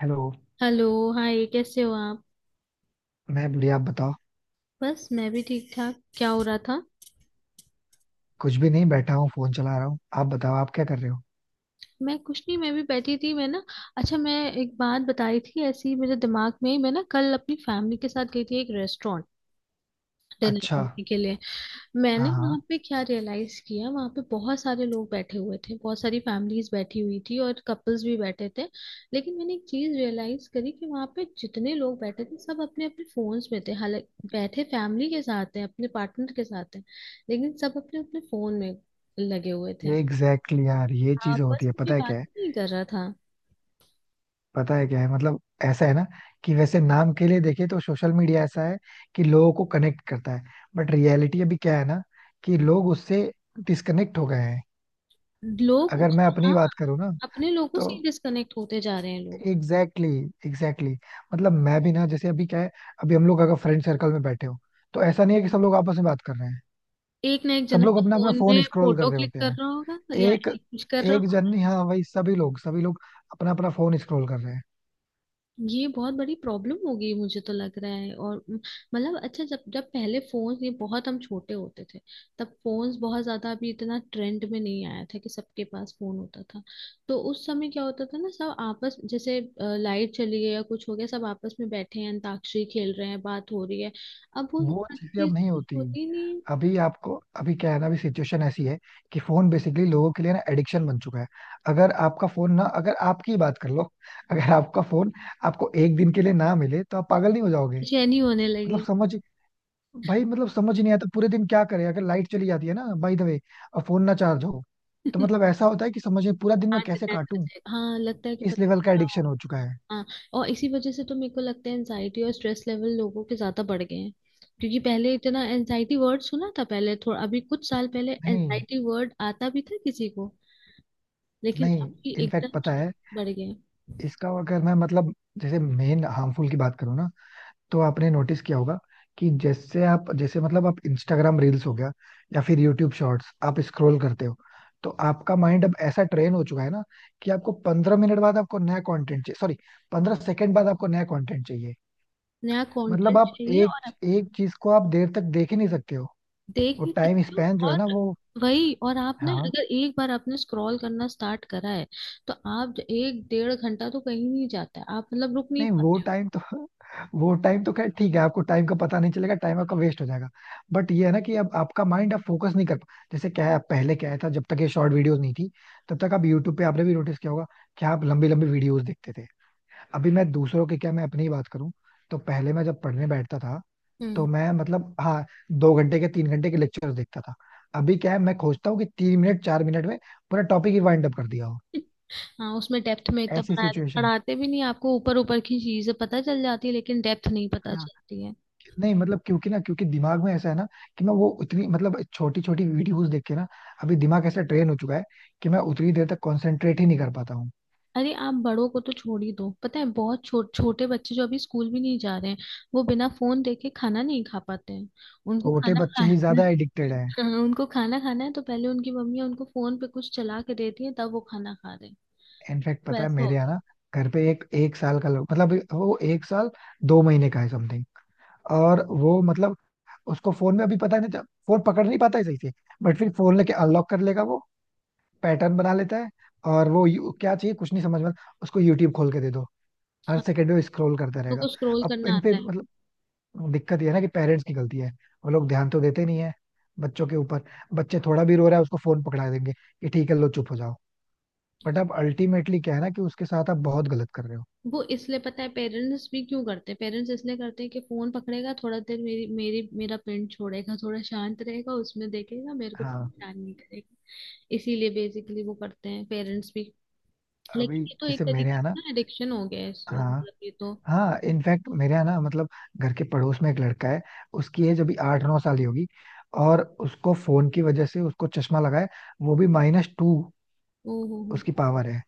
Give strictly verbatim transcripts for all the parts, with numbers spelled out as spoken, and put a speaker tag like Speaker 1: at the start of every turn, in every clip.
Speaker 1: Hello.
Speaker 2: Hello. Hi, कैसे हो आप?
Speaker 1: मैं बढ़िया, आप बताओ.
Speaker 2: बस, मैं भी ठीक ठाक। क्या हो रहा था?
Speaker 1: कुछ भी नहीं, बैठा हूँ फोन चला रहा हूँ, आप बताओ आप क्या कर रहे हो?
Speaker 2: मैं कुछ नहीं, मैं भी बैठी थी। मैं ना अच्छा मैं एक बात बताई थी ऐसी मेरे दिमाग में ही। मैं ना कल अपनी फैमिली के साथ गई थी एक रेस्टोरेंट डिनर
Speaker 1: अच्छा.
Speaker 2: करने के लिए। मैंने
Speaker 1: हाँ हाँ.
Speaker 2: वहां पे क्या रियलाइज किया, वहां पे बहुत सारे लोग बैठे हुए थे, बहुत सारी फैमिलीज बैठी हुई थी और कपल्स भी बैठे थे। लेकिन मैंने एक चीज रियलाइज करी कि वहां पे जितने लोग बैठे थे सब अपने अपने फोन्स में थे। हालांकि बैठे फैमिली के साथ हैं, अपने पार्टनर के साथ हैं, लेकिन सब अपने अपने फोन में लगे हुए थे।
Speaker 1: ये एग्जैक्टली exactly यार, ये चीज होती
Speaker 2: आपस
Speaker 1: है.
Speaker 2: में कोई
Speaker 1: पता है क्या
Speaker 2: बात
Speaker 1: है
Speaker 2: ही नहीं कर रहा था।
Speaker 1: पता है क्या है मतलब, ऐसा है ना कि वैसे नाम के लिए देखे तो सोशल मीडिया ऐसा है कि लोगों को कनेक्ट करता है, बट रियलिटी अभी क्या है ना, कि लोग उससे डिस्कनेक्ट हो गए हैं.
Speaker 2: लोग
Speaker 1: अगर
Speaker 2: उस,
Speaker 1: मैं अपनी
Speaker 2: हाँ,
Speaker 1: बात करूँ ना,
Speaker 2: अपने लोगों
Speaker 1: तो
Speaker 2: से डिस्कनेक्ट होते जा रहे हैं लोग।
Speaker 1: Exactly exactly, exactly exactly. मतलब मैं भी ना, जैसे अभी क्या है, अभी हम लोग अगर फ्रेंड सर्कल में बैठे हो, तो ऐसा नहीं है कि सब लोग आपस में बात कर रहे हैं.
Speaker 2: एक ना एक
Speaker 1: सब
Speaker 2: जना
Speaker 1: लोग
Speaker 2: तो
Speaker 1: अपना अपना
Speaker 2: फोन
Speaker 1: फोन
Speaker 2: में
Speaker 1: स्क्रॉल कर
Speaker 2: फोटो
Speaker 1: रहे
Speaker 2: क्लिक
Speaker 1: होते
Speaker 2: कर
Speaker 1: हैं.
Speaker 2: रहा होगा या
Speaker 1: एक
Speaker 2: एक कुछ कर
Speaker 1: एक
Speaker 2: रहा।
Speaker 1: जन नहीं, हाँ वही, सभी लोग सभी लोग अपना अपना फोन स्क्रॉल कर रहे हैं.
Speaker 2: ये बहुत बड़ी प्रॉब्लम हो गई मुझे तो लग रहा है। और म, मतलब अच्छा जब जब पहले फोन, ये बहुत हम छोटे होते थे तब फोन्स बहुत ज्यादा अभी इतना ट्रेंड में नहीं आया था कि सबके पास फोन होता था। तो उस समय क्या होता था ना, सब आपस जैसे लाइट चली गई या कुछ हो गया सब आपस में बैठे हैं, अंताक्षरी खेल रहे हैं, बात हो रही है। अब वो
Speaker 1: वो
Speaker 2: सारी
Speaker 1: चीजें अब
Speaker 2: चीजें
Speaker 1: नहीं
Speaker 2: कुछ
Speaker 1: होती.
Speaker 2: होती ही नहीं है।
Speaker 1: अभी आपको, अभी क्या है ना, अभी सिचुएशन ऐसी है कि फोन बेसिकली लोगों के लिए ना एडिक्शन बन चुका है. अगर आपका फोन ना अगर आपकी ही बात कर लो अगर आपका फोन आपको एक दिन के लिए ना मिले, तो आप पागल नहीं हो जाओगे?
Speaker 2: बेचैनी होने
Speaker 1: मतलब
Speaker 2: लगी।
Speaker 1: समझ भाई मतलब समझ ही नहीं आता पूरे दिन क्या करें, अगर लाइट चली जाती है ना बाय द वे, और फोन ना चार्ज हो, तो मतलब ऐसा होता है कि समझ में पूरा दिन मैं
Speaker 2: हार्ट
Speaker 1: कैसे
Speaker 2: अटैक हो
Speaker 1: काटूं.
Speaker 2: जाएगा। हाँ, लगता है कि
Speaker 1: इस
Speaker 2: पता नहीं
Speaker 1: लेवल का
Speaker 2: क्या।
Speaker 1: एडिक्शन हो चुका है.
Speaker 2: हाँ, और इसी वजह से तो मेरे को लगता है एनजाइटी और स्ट्रेस लेवल लोगों के ज्यादा बढ़ गए हैं। क्योंकि पहले इतना एनजाइटी वर्ड सुना था, पहले थोड़ा अभी कुछ साल पहले
Speaker 1: नहीं.
Speaker 2: एनजाइटी वर्ड आता भी था किसी को, लेकिन अब
Speaker 1: नहीं.
Speaker 2: ये
Speaker 1: इनफैक्ट
Speaker 2: एकदम
Speaker 1: पता
Speaker 2: से
Speaker 1: है,
Speaker 2: बढ़ गए हैं।
Speaker 1: इसका अगर मैं मतलब, जैसे मेन हार्मफुल की बात करूँ ना, तो आपने नोटिस किया होगा कि जैसे आप जैसे मतलब आप इंस्टाग्राम रील्स हो गया या फिर यूट्यूब शॉर्ट्स आप स्क्रॉल करते हो, तो आपका माइंड अब ऐसा ट्रेन हो चुका है ना कि आपको पंद्रह मिनट बाद आपको नया कंटेंट चाहिए, सॉरी, पंद्रह सेकंड बाद आपको नया कंटेंट चाहिए.
Speaker 2: नया
Speaker 1: मतलब
Speaker 2: कंटेंट
Speaker 1: आप
Speaker 2: चाहिए
Speaker 1: एक
Speaker 2: और आप
Speaker 1: एक चीज को आप देर तक देख ही नहीं सकते हो.
Speaker 2: देख
Speaker 1: वो
Speaker 2: भी
Speaker 1: टाइम
Speaker 2: सकते हो।
Speaker 1: स्पैन जो है ना
Speaker 2: और
Speaker 1: वो.
Speaker 2: वही, और आपने
Speaker 1: हाँ.
Speaker 2: अगर एक बार आपने स्क्रॉल करना स्टार्ट करा है तो आप एक डेढ़ घंटा तो कहीं नहीं जाता है, आप मतलब रुक नहीं
Speaker 1: नहीं वो
Speaker 2: पाते।
Speaker 1: टाइम तो वो टाइम तो खैर ठीक है, आपको टाइम का पता नहीं चलेगा, टाइम आपका वेस्ट हो जाएगा. बट ये है ना कि अब आपका माइंड आप फोकस नहीं कर पा. जैसे क्या है, पहले क्या था, जब तक ये शॉर्ट वीडियोस नहीं थी, तब तक आप यूट्यूब पे, आपने भी नोटिस किया होगा कि आप लंबी लंबी वीडियोस देखते थे. अभी मैं दूसरों की क्या, मैं अपनी ही बात करूं तो पहले मैं जब पढ़ने बैठता था,
Speaker 2: हम्म।
Speaker 1: तो मैं मतलब हाँ, दो घंटे के तीन घंटे के लेक्चर देखता था. अभी क्या है, मैं खोजता हूँ कि तीन मिनट चार मिनट में पूरा टॉपिक ही वाइंड अप कर दिया हो.
Speaker 2: हाँ, उसमें डेप्थ में इतना
Speaker 1: ऐसी
Speaker 2: पढ़ा,
Speaker 1: सिचुएशन.
Speaker 2: पढ़ाते भी नहीं आपको, ऊपर ऊपर की चीजें पता चल जाती है लेकिन डेप्थ नहीं पता चलती है।
Speaker 1: नहीं मतलब, क्योंकि ना, क्योंकि दिमाग में ऐसा है ना कि मैं वो उतनी मतलब छोटी छोटी वीडियोस देख के ना अभी दिमाग ऐसा ट्रेन हो चुका है कि मैं उतनी देर तक कंसंट्रेट ही नहीं कर पाता हूँ.
Speaker 2: अरे आप बड़ों को तो छोड़ ही दो, पता है बहुत छो, छोटे बच्चे जो अभी स्कूल भी नहीं जा रहे हैं वो बिना फोन देखे खाना नहीं खा पाते हैं। उनको
Speaker 1: छोटे
Speaker 2: खाना
Speaker 1: बच्चे ही
Speaker 2: खाना
Speaker 1: ज्यादा एडिक्टेड हैं.
Speaker 2: हाँ, उनको खाना खाना है तो पहले उनकी मम्मी उनको फोन पे कुछ चला के देती है तब वो खाना खा रहे हैं।
Speaker 1: इनफैक्ट
Speaker 2: तो
Speaker 1: पता है,
Speaker 2: ऐसा हो
Speaker 1: मेरे यहाँ
Speaker 2: गया,
Speaker 1: ना, घर पे एक एक साल का लड़का, मतलब वो एक साल दो महीने का है समथिंग. और वो मतलब उसको फोन में अभी पता नहीं, फोन पकड़ नहीं पाता है सही से, बट फिर फोन लेके अनलॉक कर लेगा वो, पैटर्न बना लेता है. और वो यू- क्या चाहिए कुछ नहीं समझ में आता, उसको यूट्यूब खोल के दे दो, हर सेकंड में स्क्रॉल करता
Speaker 2: तो
Speaker 1: रहेगा.
Speaker 2: कुछ स्क्रोल
Speaker 1: अब
Speaker 2: करना
Speaker 1: इन पे
Speaker 2: आता
Speaker 1: मतलब, दिक्कत ये है ना कि पेरेंट्स की गलती है, वो लोग ध्यान तो देते नहीं है बच्चों के ऊपर. बच्चे थोड़ा भी रो रहा है उसको फोन पकड़ा देंगे कि ठीक है लो चुप हो जाओ. बट अब
Speaker 2: है।
Speaker 1: अल्टीमेटली क्या है ना कि उसके साथ आप बहुत गलत कर रहे हो.
Speaker 2: वो इसलिए, पता है पेरेंट्स भी क्यों करते हैं? पेरेंट्स इसलिए करते हैं कि फोन पकड़ेगा थोड़ा देर, मेरी मेरी मेरा पिंड छोड़ेगा, थोड़ा शांत रहेगा, उसमें देखेगा, मेरे को
Speaker 1: हाँ.
Speaker 2: परेशान नहीं करेगा। इसीलिए बेसिकली वो करते हैं पेरेंट्स भी।
Speaker 1: अभी
Speaker 2: लेकिन ये तो एक
Speaker 1: जैसे मेरे
Speaker 2: तरीके
Speaker 1: यहाँ ना.
Speaker 2: से ना एडिक्शन हो गया है इस-
Speaker 1: हाँ
Speaker 2: मतलब ये तो।
Speaker 1: हाँ. इनफैक्ट मेरे यहाँ ना मतलब, घर के पड़ोस में एक लड़का है, उसकी एज अभी आठ नौ साल ही होगी. और उसको फोन की वजह से उसको चश्मा लगा है, वो भी माइनस टू
Speaker 2: ओ हो हो।
Speaker 1: उसकी पावर है.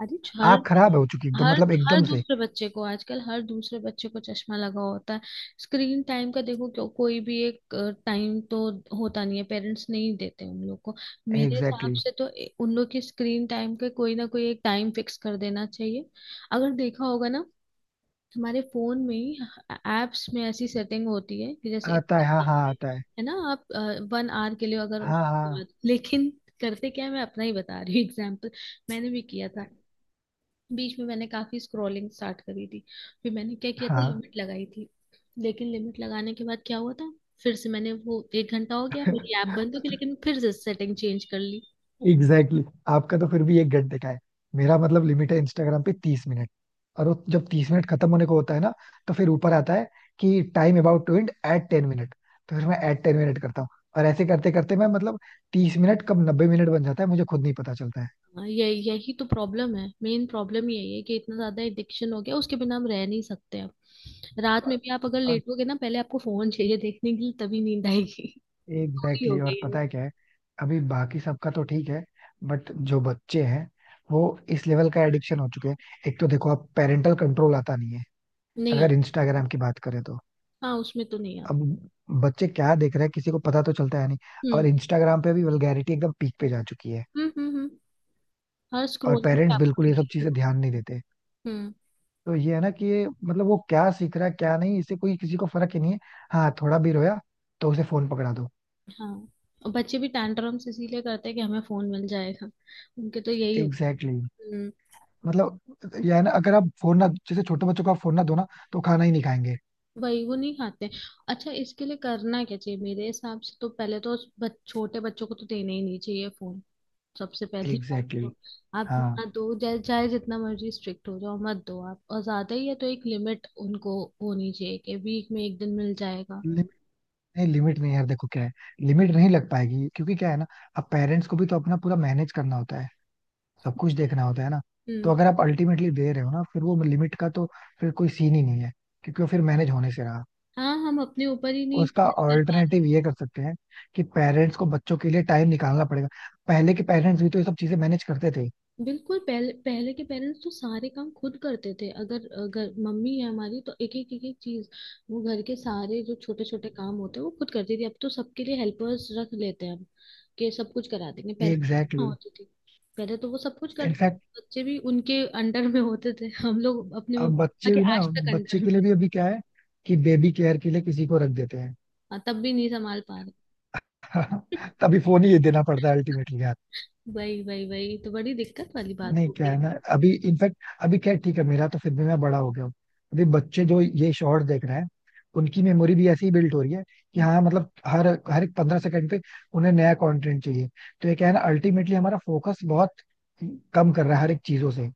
Speaker 2: अरे हर
Speaker 1: आँख खराब हो चुकी एकदम,
Speaker 2: हर
Speaker 1: मतलब
Speaker 2: हर
Speaker 1: एकदम से.
Speaker 2: दूसरे बच्चे को आजकल, हर दूसरे बच्चे को चश्मा लगा होता है। स्क्रीन टाइम का देखो, क्यों कोई भी एक टाइम तो होता नहीं है, पेरेंट्स नहीं देते उन लोग को। मेरे
Speaker 1: एग्जैक्टली
Speaker 2: हिसाब
Speaker 1: exactly.
Speaker 2: से तो ए- उन लोग की स्क्रीन टाइम का कोई ना कोई एक टाइम फिक्स कर देना चाहिए। अगर देखा होगा ना, हमारे फोन में ही एप्स में ऐसी सेटिंग होती है कि जैसे,
Speaker 1: आता है, हाँ हाँ आता है.
Speaker 2: है ना, आप वन आवर के लिए अगर उस,
Speaker 1: हाँ हाँ
Speaker 2: लेकिन करते क्या है, मैं अपना ही बता रही हूँ एग्जाम्पल। मैंने भी किया था, बीच में मैंने काफी स्क्रॉलिंग स्टार्ट करी थी, फिर मैंने क्या किया था
Speaker 1: हाँ.
Speaker 2: लिमिट लगाई थी। लेकिन लिमिट लगाने के बाद क्या हुआ था, फिर से मैंने, वो एक घंटा हो गया, मेरी ऐप बंद हो गई लेकिन फिर से सेटिंग चेंज कर ली।
Speaker 1: Exactly exactly. आपका तो फिर भी एक घंटे का है, मेरा मतलब लिमिट है इंस्टाग्राम पे तीस मिनट. और वो जब तीस मिनट खत्म होने को होता है ना, तो फिर ऊपर आता है कि टाइम अबाउट टू एंड एट टेन मिनट. तो फिर मैं एट टेन मिनट करता हूँ, और ऐसे करते करते मैं मतलब तीस मिनट कब नब्बे मिनट बन जाता है मुझे खुद नहीं पता चलता है.
Speaker 2: हाँ, ये यही तो प्रॉब्लम है, मेन प्रॉब्लम यही है कि इतना ज्यादा एडिक्शन हो गया उसके बिना हम रह नहीं सकते अब। रात में
Speaker 1: और
Speaker 2: भी आप अगर
Speaker 1: और
Speaker 2: लेटोगे ना, पहले आपको फोन चाहिए देखने के लिए तभी नींद आएगी। पूरी
Speaker 1: एग्जैक्टली
Speaker 2: हो
Speaker 1: exactly, और
Speaker 2: गई है
Speaker 1: पता
Speaker 2: वो।
Speaker 1: है क्या है? अभी बाकी सबका तो ठीक है, बट जो बच्चे हैं वो इस लेवल का एडिक्शन हो चुके हैं. एक तो देखो, आप पेरेंटल कंट्रोल आता नहीं है
Speaker 2: नहीं
Speaker 1: अगर
Speaker 2: आता।
Speaker 1: इंस्टाग्राम की बात करें तो.
Speaker 2: हाँ, उसमें तो नहीं
Speaker 1: अब
Speaker 2: आता।
Speaker 1: बच्चे क्या देख रहे हैं किसी को पता तो चलता है नहीं.
Speaker 2: हम्म
Speaker 1: और इंस्टाग्राम पे भी वल्गैरिटी एकदम पीक पे जा चुकी है.
Speaker 2: हम्म हम्म हम्म। हर
Speaker 1: और
Speaker 2: स्क्रोलिंग पे
Speaker 1: पेरेंट्स
Speaker 2: आपको
Speaker 1: बिल्कुल ये सब
Speaker 2: दिखेगी
Speaker 1: चीजें
Speaker 2: वो।
Speaker 1: ध्यान नहीं देते.
Speaker 2: हम्म।
Speaker 1: तो ये है ना कि ये मतलब वो क्या सीख रहा है क्या नहीं इससे कोई किसी को फर्क ही नहीं है. हाँ थोड़ा भी रोया तो उसे फोन पकड़ा दो.
Speaker 2: हाँ, और बच्चे भी टैंट्रम्स इसीलिए करते हैं कि हमें फोन मिल जाएगा, उनके तो यही हो।
Speaker 1: Exactly exactly.
Speaker 2: हम्म।
Speaker 1: मतलब, ये है ना अगर आप फोन ना, जैसे छोटे बच्चों को आप फोन ना दो ना, तो खाना ही नहीं खाएंगे.
Speaker 2: वही, वो नहीं खाते। अच्छा, इसके लिए करना क्या चाहिए मेरे हिसाब से, तो पहले तो उस बच, छोटे बच्चों को तो देना ही नहीं चाहिए फोन, सबसे पहली बात
Speaker 1: एग्जैक्टली
Speaker 2: तो।
Speaker 1: exactly.
Speaker 2: आप ना
Speaker 1: हाँ.
Speaker 2: दो, चाहे चाहे जितना मर्जी स्ट्रिक्ट हो जाओ मत दो आप, और ज्यादा ही है तो एक लिमिट उनको होनी चाहिए कि वीक में एक दिन मिल जाएगा।
Speaker 1: लिमिट. नहीं, लिमिट नहीं यार, देखो क्या है, लिमिट नहीं लग पाएगी क्योंकि क्या है ना, अब पेरेंट्स को भी तो अपना पूरा मैनेज करना होता है, सब कुछ देखना होता है ना. तो
Speaker 2: हम्म।
Speaker 1: अगर आप अल्टीमेटली दे रहे हो ना फिर वो लिमिट का तो फिर कोई सीन ही नहीं है, क्योंकि वो फिर मैनेज होने से रहा.
Speaker 2: हाँ, हम अपने ऊपर ही नहीं
Speaker 1: उसका
Speaker 2: मैनेज कर पाते।
Speaker 1: ऑल्टरनेटिव ये कर सकते हैं कि पेरेंट्स को बच्चों के लिए टाइम निकालना पड़ेगा. पहले के पेरेंट्स भी तो ये सब चीजें मैनेज करते थे.
Speaker 2: बिल्कुल, पहले पहले के पेरेंट्स तो सारे काम खुद करते थे। अगर अगर मम्मी है हमारी तो एक एक एक एक चीज, वो घर के सारे जो छोटे छोटे काम होते हैं वो खुद करती थी। अब तो सबके लिए हेल्पर्स रख लेते हैं हम कि सब कुछ करा देंगे, पहले
Speaker 1: एग्जैक्टली
Speaker 2: ना
Speaker 1: exactly.
Speaker 2: होती थी, पहले तो वो सब कुछ कर,
Speaker 1: इनफैक्ट
Speaker 2: बच्चे भी उनके अंडर में होते थे। हम लोग अपने
Speaker 1: अब
Speaker 2: मम्मा
Speaker 1: बच्चे
Speaker 2: के
Speaker 1: भी ना,
Speaker 2: आज तक
Speaker 1: बच्चे
Speaker 2: अंडर
Speaker 1: के
Speaker 2: में।
Speaker 1: लिए भी अभी क्या है, कि बेबी केयर के लिए किसी को रख देते हैं.
Speaker 2: हाँ, तब भी नहीं संभाल पा रहे।
Speaker 1: तभी फोन ही देना पड़ता है अल्टीमेटली.
Speaker 2: वही वही वही तो बड़ी दिक्कत वाली बात
Speaker 1: नहीं क्या
Speaker 2: होगी।
Speaker 1: है ना अभी इनफैक्ट, अभी क्या है, ठीक है मेरा तो फिर भी मैं बड़ा हो गया हूँ. अभी बच्चे जो ये शॉर्ट्स देख रहे हैं उनकी मेमोरी भी ऐसी ही बिल्ट हो रही है कि
Speaker 2: हम्म,
Speaker 1: हाँ मतलब हर हर एक पंद्रह सेकंड पे उन्हें नया कंटेंट चाहिए. तो ये क्या है ना, अल्टीमेटली हमारा फोकस बहुत कम कर रहा है हर एक चीजों से.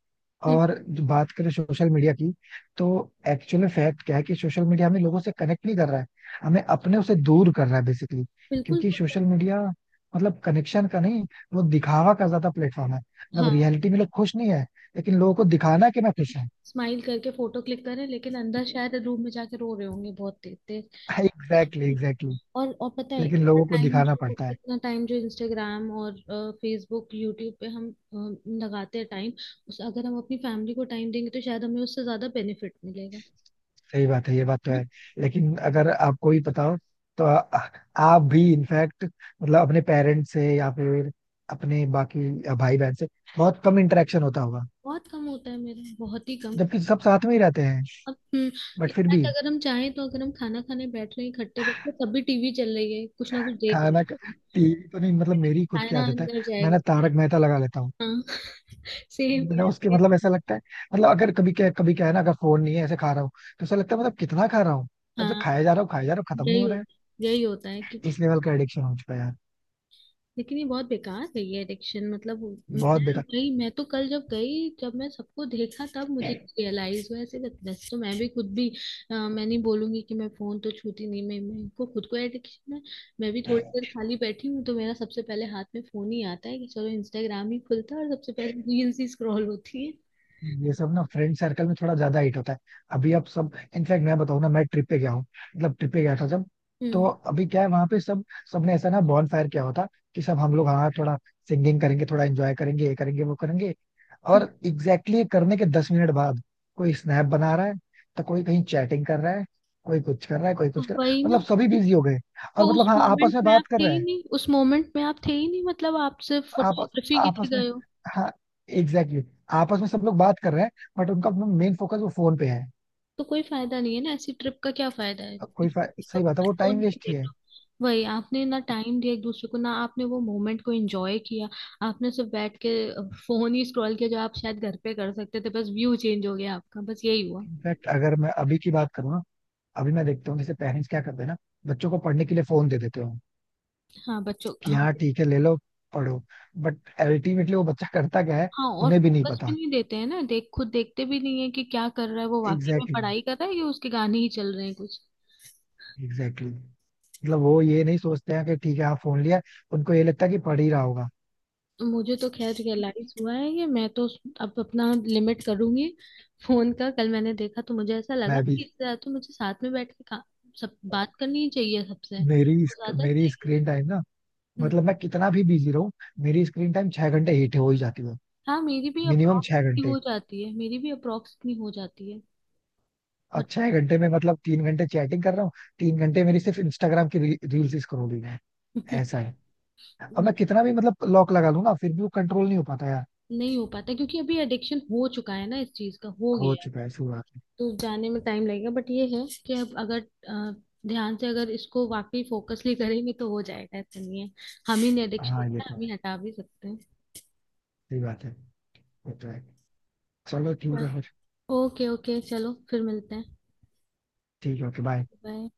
Speaker 1: और जो बात करें सोशल मीडिया की, तो एक्चुअल में फैक्ट क्या है कि सोशल मीडिया हमें लोगों से कनेक्ट नहीं कर रहा है, हमें अपने उसे दूर कर रहा है बेसिकली.
Speaker 2: बिल्कुल।
Speaker 1: क्योंकि सोशल मीडिया मतलब कनेक्शन का नहीं, वो दिखावा का ज्यादा प्लेटफॉर्म है. अब
Speaker 2: हाँ,
Speaker 1: रियलिटी में लोग खुश नहीं है, लेकिन लोगों को दिखाना है कि मैं खुश हूँ.
Speaker 2: स्माइल करके फोटो क्लिक करें लेकिन अंदर शायद रूम में जाके रो रहे होंगे बहुत तेज तेज।
Speaker 1: Exactly exactly.
Speaker 2: और और पता है,
Speaker 1: लेकिन
Speaker 2: इतना
Speaker 1: लोगों को
Speaker 2: टाइम
Speaker 1: दिखाना
Speaker 2: जो,
Speaker 1: पड़ता है.
Speaker 2: इतना टाइम जो इंस्टाग्राम और फेसबुक यूट्यूब पे हम अ, लगाते हैं टाइम, उस अगर हम अपनी फैमिली को टाइम देंगे तो शायद हमें उससे ज्यादा बेनिफिट मिलेगा, है
Speaker 1: सही बात है, ये बात तो
Speaker 2: ना?
Speaker 1: है. लेकिन अगर आपको भी पता हो, तो आ, आप भी इनफैक्ट मतलब अपने पेरेंट्स से या फिर अपने बाकी भाई बहन से बहुत कम इंटरेक्शन होता होगा,
Speaker 2: बहुत कम होता है मेरा, बहुत ही कम।
Speaker 1: जबकि सब साथ में ही रहते हैं.
Speaker 2: अब
Speaker 1: बट फिर
Speaker 2: इनफैक्ट
Speaker 1: भी
Speaker 2: अगर हम चाहें, तो अगर हम खाना खाने बैठ रहे हैं इकट्ठे बैठ रहे हैं, तब भी टीवी चल रही है कुछ ना कुछ देख रहे
Speaker 1: खाना
Speaker 2: हैं,
Speaker 1: टीवी तो नहीं, मतलब मेरी खुद की
Speaker 2: खाना
Speaker 1: आदत है.
Speaker 2: अंदर
Speaker 1: मैं
Speaker 2: जाएगा।
Speaker 1: ना तारक मेहता लगा लेता हूँ.
Speaker 2: हाँ सेम
Speaker 1: बिना
Speaker 2: यार
Speaker 1: उसके
Speaker 2: same।
Speaker 1: मतलब ऐसा लगता है, मतलब अगर कभी क्या, कभी क्या है ना, अगर फोन नहीं है ऐसे खा रहा हूँ, तो ऐसा लगता है मतलब कितना खा रहा हूँ, तब से
Speaker 2: हाँ,
Speaker 1: खाया जा रहा हूँ खाया जा रहा हूँ, खत्म नहीं
Speaker 2: यही
Speaker 1: हो रहा है.
Speaker 2: होता यही होता है कि,
Speaker 1: इस लेवल का एडिक्शन हो चुका है यार.
Speaker 2: लेकिन ये बहुत बेकार है ये एडिक्शन मतलब। मैं
Speaker 1: बहुत बेकार.
Speaker 2: गई मैं तो कल जब गई, जब मैं सबको देखा तब मुझे रियलाइज हुआ ऐसे। बत- वैसे तो मैं भी खुद भी अ, मैं नहीं बोलूंगी कि मैं फोन तो छूती नहीं, मैं, मेरे को खुद को एडिक्शन है। मैं भी थोड़ी देर खाली बैठी हूँ तो मेरा सबसे पहले हाथ में फोन ही आता है कि चलो इंस्टाग्राम ही खुलता है और सबसे पहले रील्स ही स्क्रॉल होती है।
Speaker 1: ये सब ना फ्रेंड सर्कल में थोड़ा ज्यादा हिट होता है. अभी अब सब. इनफैक्ट मैं बताऊं ना, मैं ट्रिप पे गया हूँ, मतलब ट्रिप पे गया था जब, तो
Speaker 2: हम्म।
Speaker 1: अभी क्या है वहां पे सब, सबने ऐसा ना बॉन फायर किया होता कि सब हम लोग हाँ थोड़ा सिंगिंग करेंगे, थोड़ा एंजॉय करेंगे, ये करेंगे वो करेंगे. और
Speaker 2: हम्म,
Speaker 1: एग्जैक्टली exactly करने के दस मिनट बाद कोई स्नैप बना रहा है, तो कोई कहीं चैटिंग कर रहा है, कोई कुछ कर रहा है कोई
Speaker 2: तो
Speaker 1: कुछ कर रहा है,
Speaker 2: वही ना।
Speaker 1: मतलब सभी बिजी हो गए.
Speaker 2: तो
Speaker 1: और
Speaker 2: उस
Speaker 1: मतलब हाँ,
Speaker 2: मोमेंट
Speaker 1: आपस में
Speaker 2: में आप
Speaker 1: बात कर
Speaker 2: थे
Speaker 1: रहे
Speaker 2: ही
Speaker 1: हैं.
Speaker 2: नहीं उस मोमेंट में आप थे ही नहीं, मतलब आप सिर्फ
Speaker 1: आप
Speaker 2: फोटोग्राफी के लिए
Speaker 1: आपस में.
Speaker 2: गए।
Speaker 1: हाँ. Exactly exactly. आपस में सब लोग बात कर रहे हैं, बट उनका मेन फोकस वो फोन पे है.
Speaker 2: तो कोई फायदा नहीं है ना, ऐसी ट्रिप का क्या फायदा है?
Speaker 1: अब कोई फा-
Speaker 2: तो
Speaker 1: सही बात है, वो
Speaker 2: फोन
Speaker 1: टाइम
Speaker 2: में ही
Speaker 1: वेस्ट ही
Speaker 2: देख
Speaker 1: है.
Speaker 2: लो। वही, आपने ना टाइम दिया एक दूसरे को, ना आपने वो मोमेंट को एंजॉय किया, आपने सिर्फ बैठ के फोन ही स्क्रॉल किया जो आप शायद घर पे कर सकते थे। बस व्यू चेंज हो गया आपका, बस यही हुआ।
Speaker 1: इनफैक्ट अगर मैं अभी की बात करूँ ना, अभी मैं देखता हूँ जैसे पेरेंट्स क्या करते हैं ना, बच्चों को पढ़ने के लिए फोन दे देते हो
Speaker 2: हाँ, बच्चों,
Speaker 1: कि
Speaker 2: हाँ।
Speaker 1: हाँ ठीक है ले लो पढ़ो, बट अल्टीमेटली वो बच्चा करता क्या है,
Speaker 2: हाँ, और
Speaker 1: उन्हें भी नहीं
Speaker 2: फोकस भी
Speaker 1: पता.
Speaker 2: नहीं देते हैं ना, देख, खुद देखते भी नहीं है कि क्या कर रहा है वो, वाकई में
Speaker 1: एग्जैक्टली exactly,
Speaker 2: पढ़ाई कर रहा है या उसके गाने ही चल रहे हैं कुछ।
Speaker 1: Exactly exactly. मतलब वो ये नहीं सोचते हैं कि ठीक है हाँ फोन लिया, उनको ये लगता है कि पढ़ ही रहा होगा.
Speaker 2: मुझे तो खैर रियलाइज हुआ है कि मैं तो अब अपना लिमिट करूंगी फोन का। कल मैंने देखा तो मुझे ऐसा लगा
Speaker 1: मैं
Speaker 2: कि
Speaker 1: भी.
Speaker 2: इससे ज्यादा तो मुझे साथ में बैठ के का, सब बात करनी ही चाहिए सबसे,
Speaker 1: मेरी
Speaker 2: वो ज्यादा
Speaker 1: मेरी
Speaker 2: सही है।
Speaker 1: स्क्रीन टाइम ना,
Speaker 2: हम्म,
Speaker 1: मतलब मैं कितना भी बिजी रहूं, मेरी स्क्रीन टाइम छह घंटे हिट हो ही जाती है.
Speaker 2: हाँ, मेरी भी
Speaker 1: मिनिमम छह
Speaker 2: अप्रोक्स
Speaker 1: घंटे
Speaker 2: हो जाती है मेरी भी अप्रोक्स इतनी हो जाती है।
Speaker 1: और
Speaker 2: बट
Speaker 1: छह घंटे में मतलब तीन घंटे चैटिंग कर रहा हूँ, तीन घंटे मेरी सिर्फ इंस्टाग्राम की रील्स स्क्रॉलिंग है. ऐसा है. और मैं कितना भी मतलब लॉक लगा लूं ना फिर भी वो कंट्रोल नहीं हो पाता यार.
Speaker 2: नहीं हो पाता क्योंकि अभी एडिक्शन हो चुका है ना, इस चीज का हो
Speaker 1: हो
Speaker 2: गया है।
Speaker 1: चुका है शुरुआत में.
Speaker 2: तो जाने में टाइम लगेगा, बट ये है कि अब अगर अ, ध्यान से अगर इसको वाकई फोकसली करेंगे तो हो जाएगा, ऐसा नहीं है। हम ही नहीं, एडिक्शन
Speaker 1: हाँ ये
Speaker 2: है
Speaker 1: तो
Speaker 2: हम
Speaker 1: है,
Speaker 2: ही हटा भी सकते
Speaker 1: सही बात है, ये तो है, चलो ठीक
Speaker 2: हैं।
Speaker 1: है फिर.
Speaker 2: ओके ओके, चलो फिर मिलते हैं।
Speaker 1: ठीक है, ओके बाय.
Speaker 2: बाय।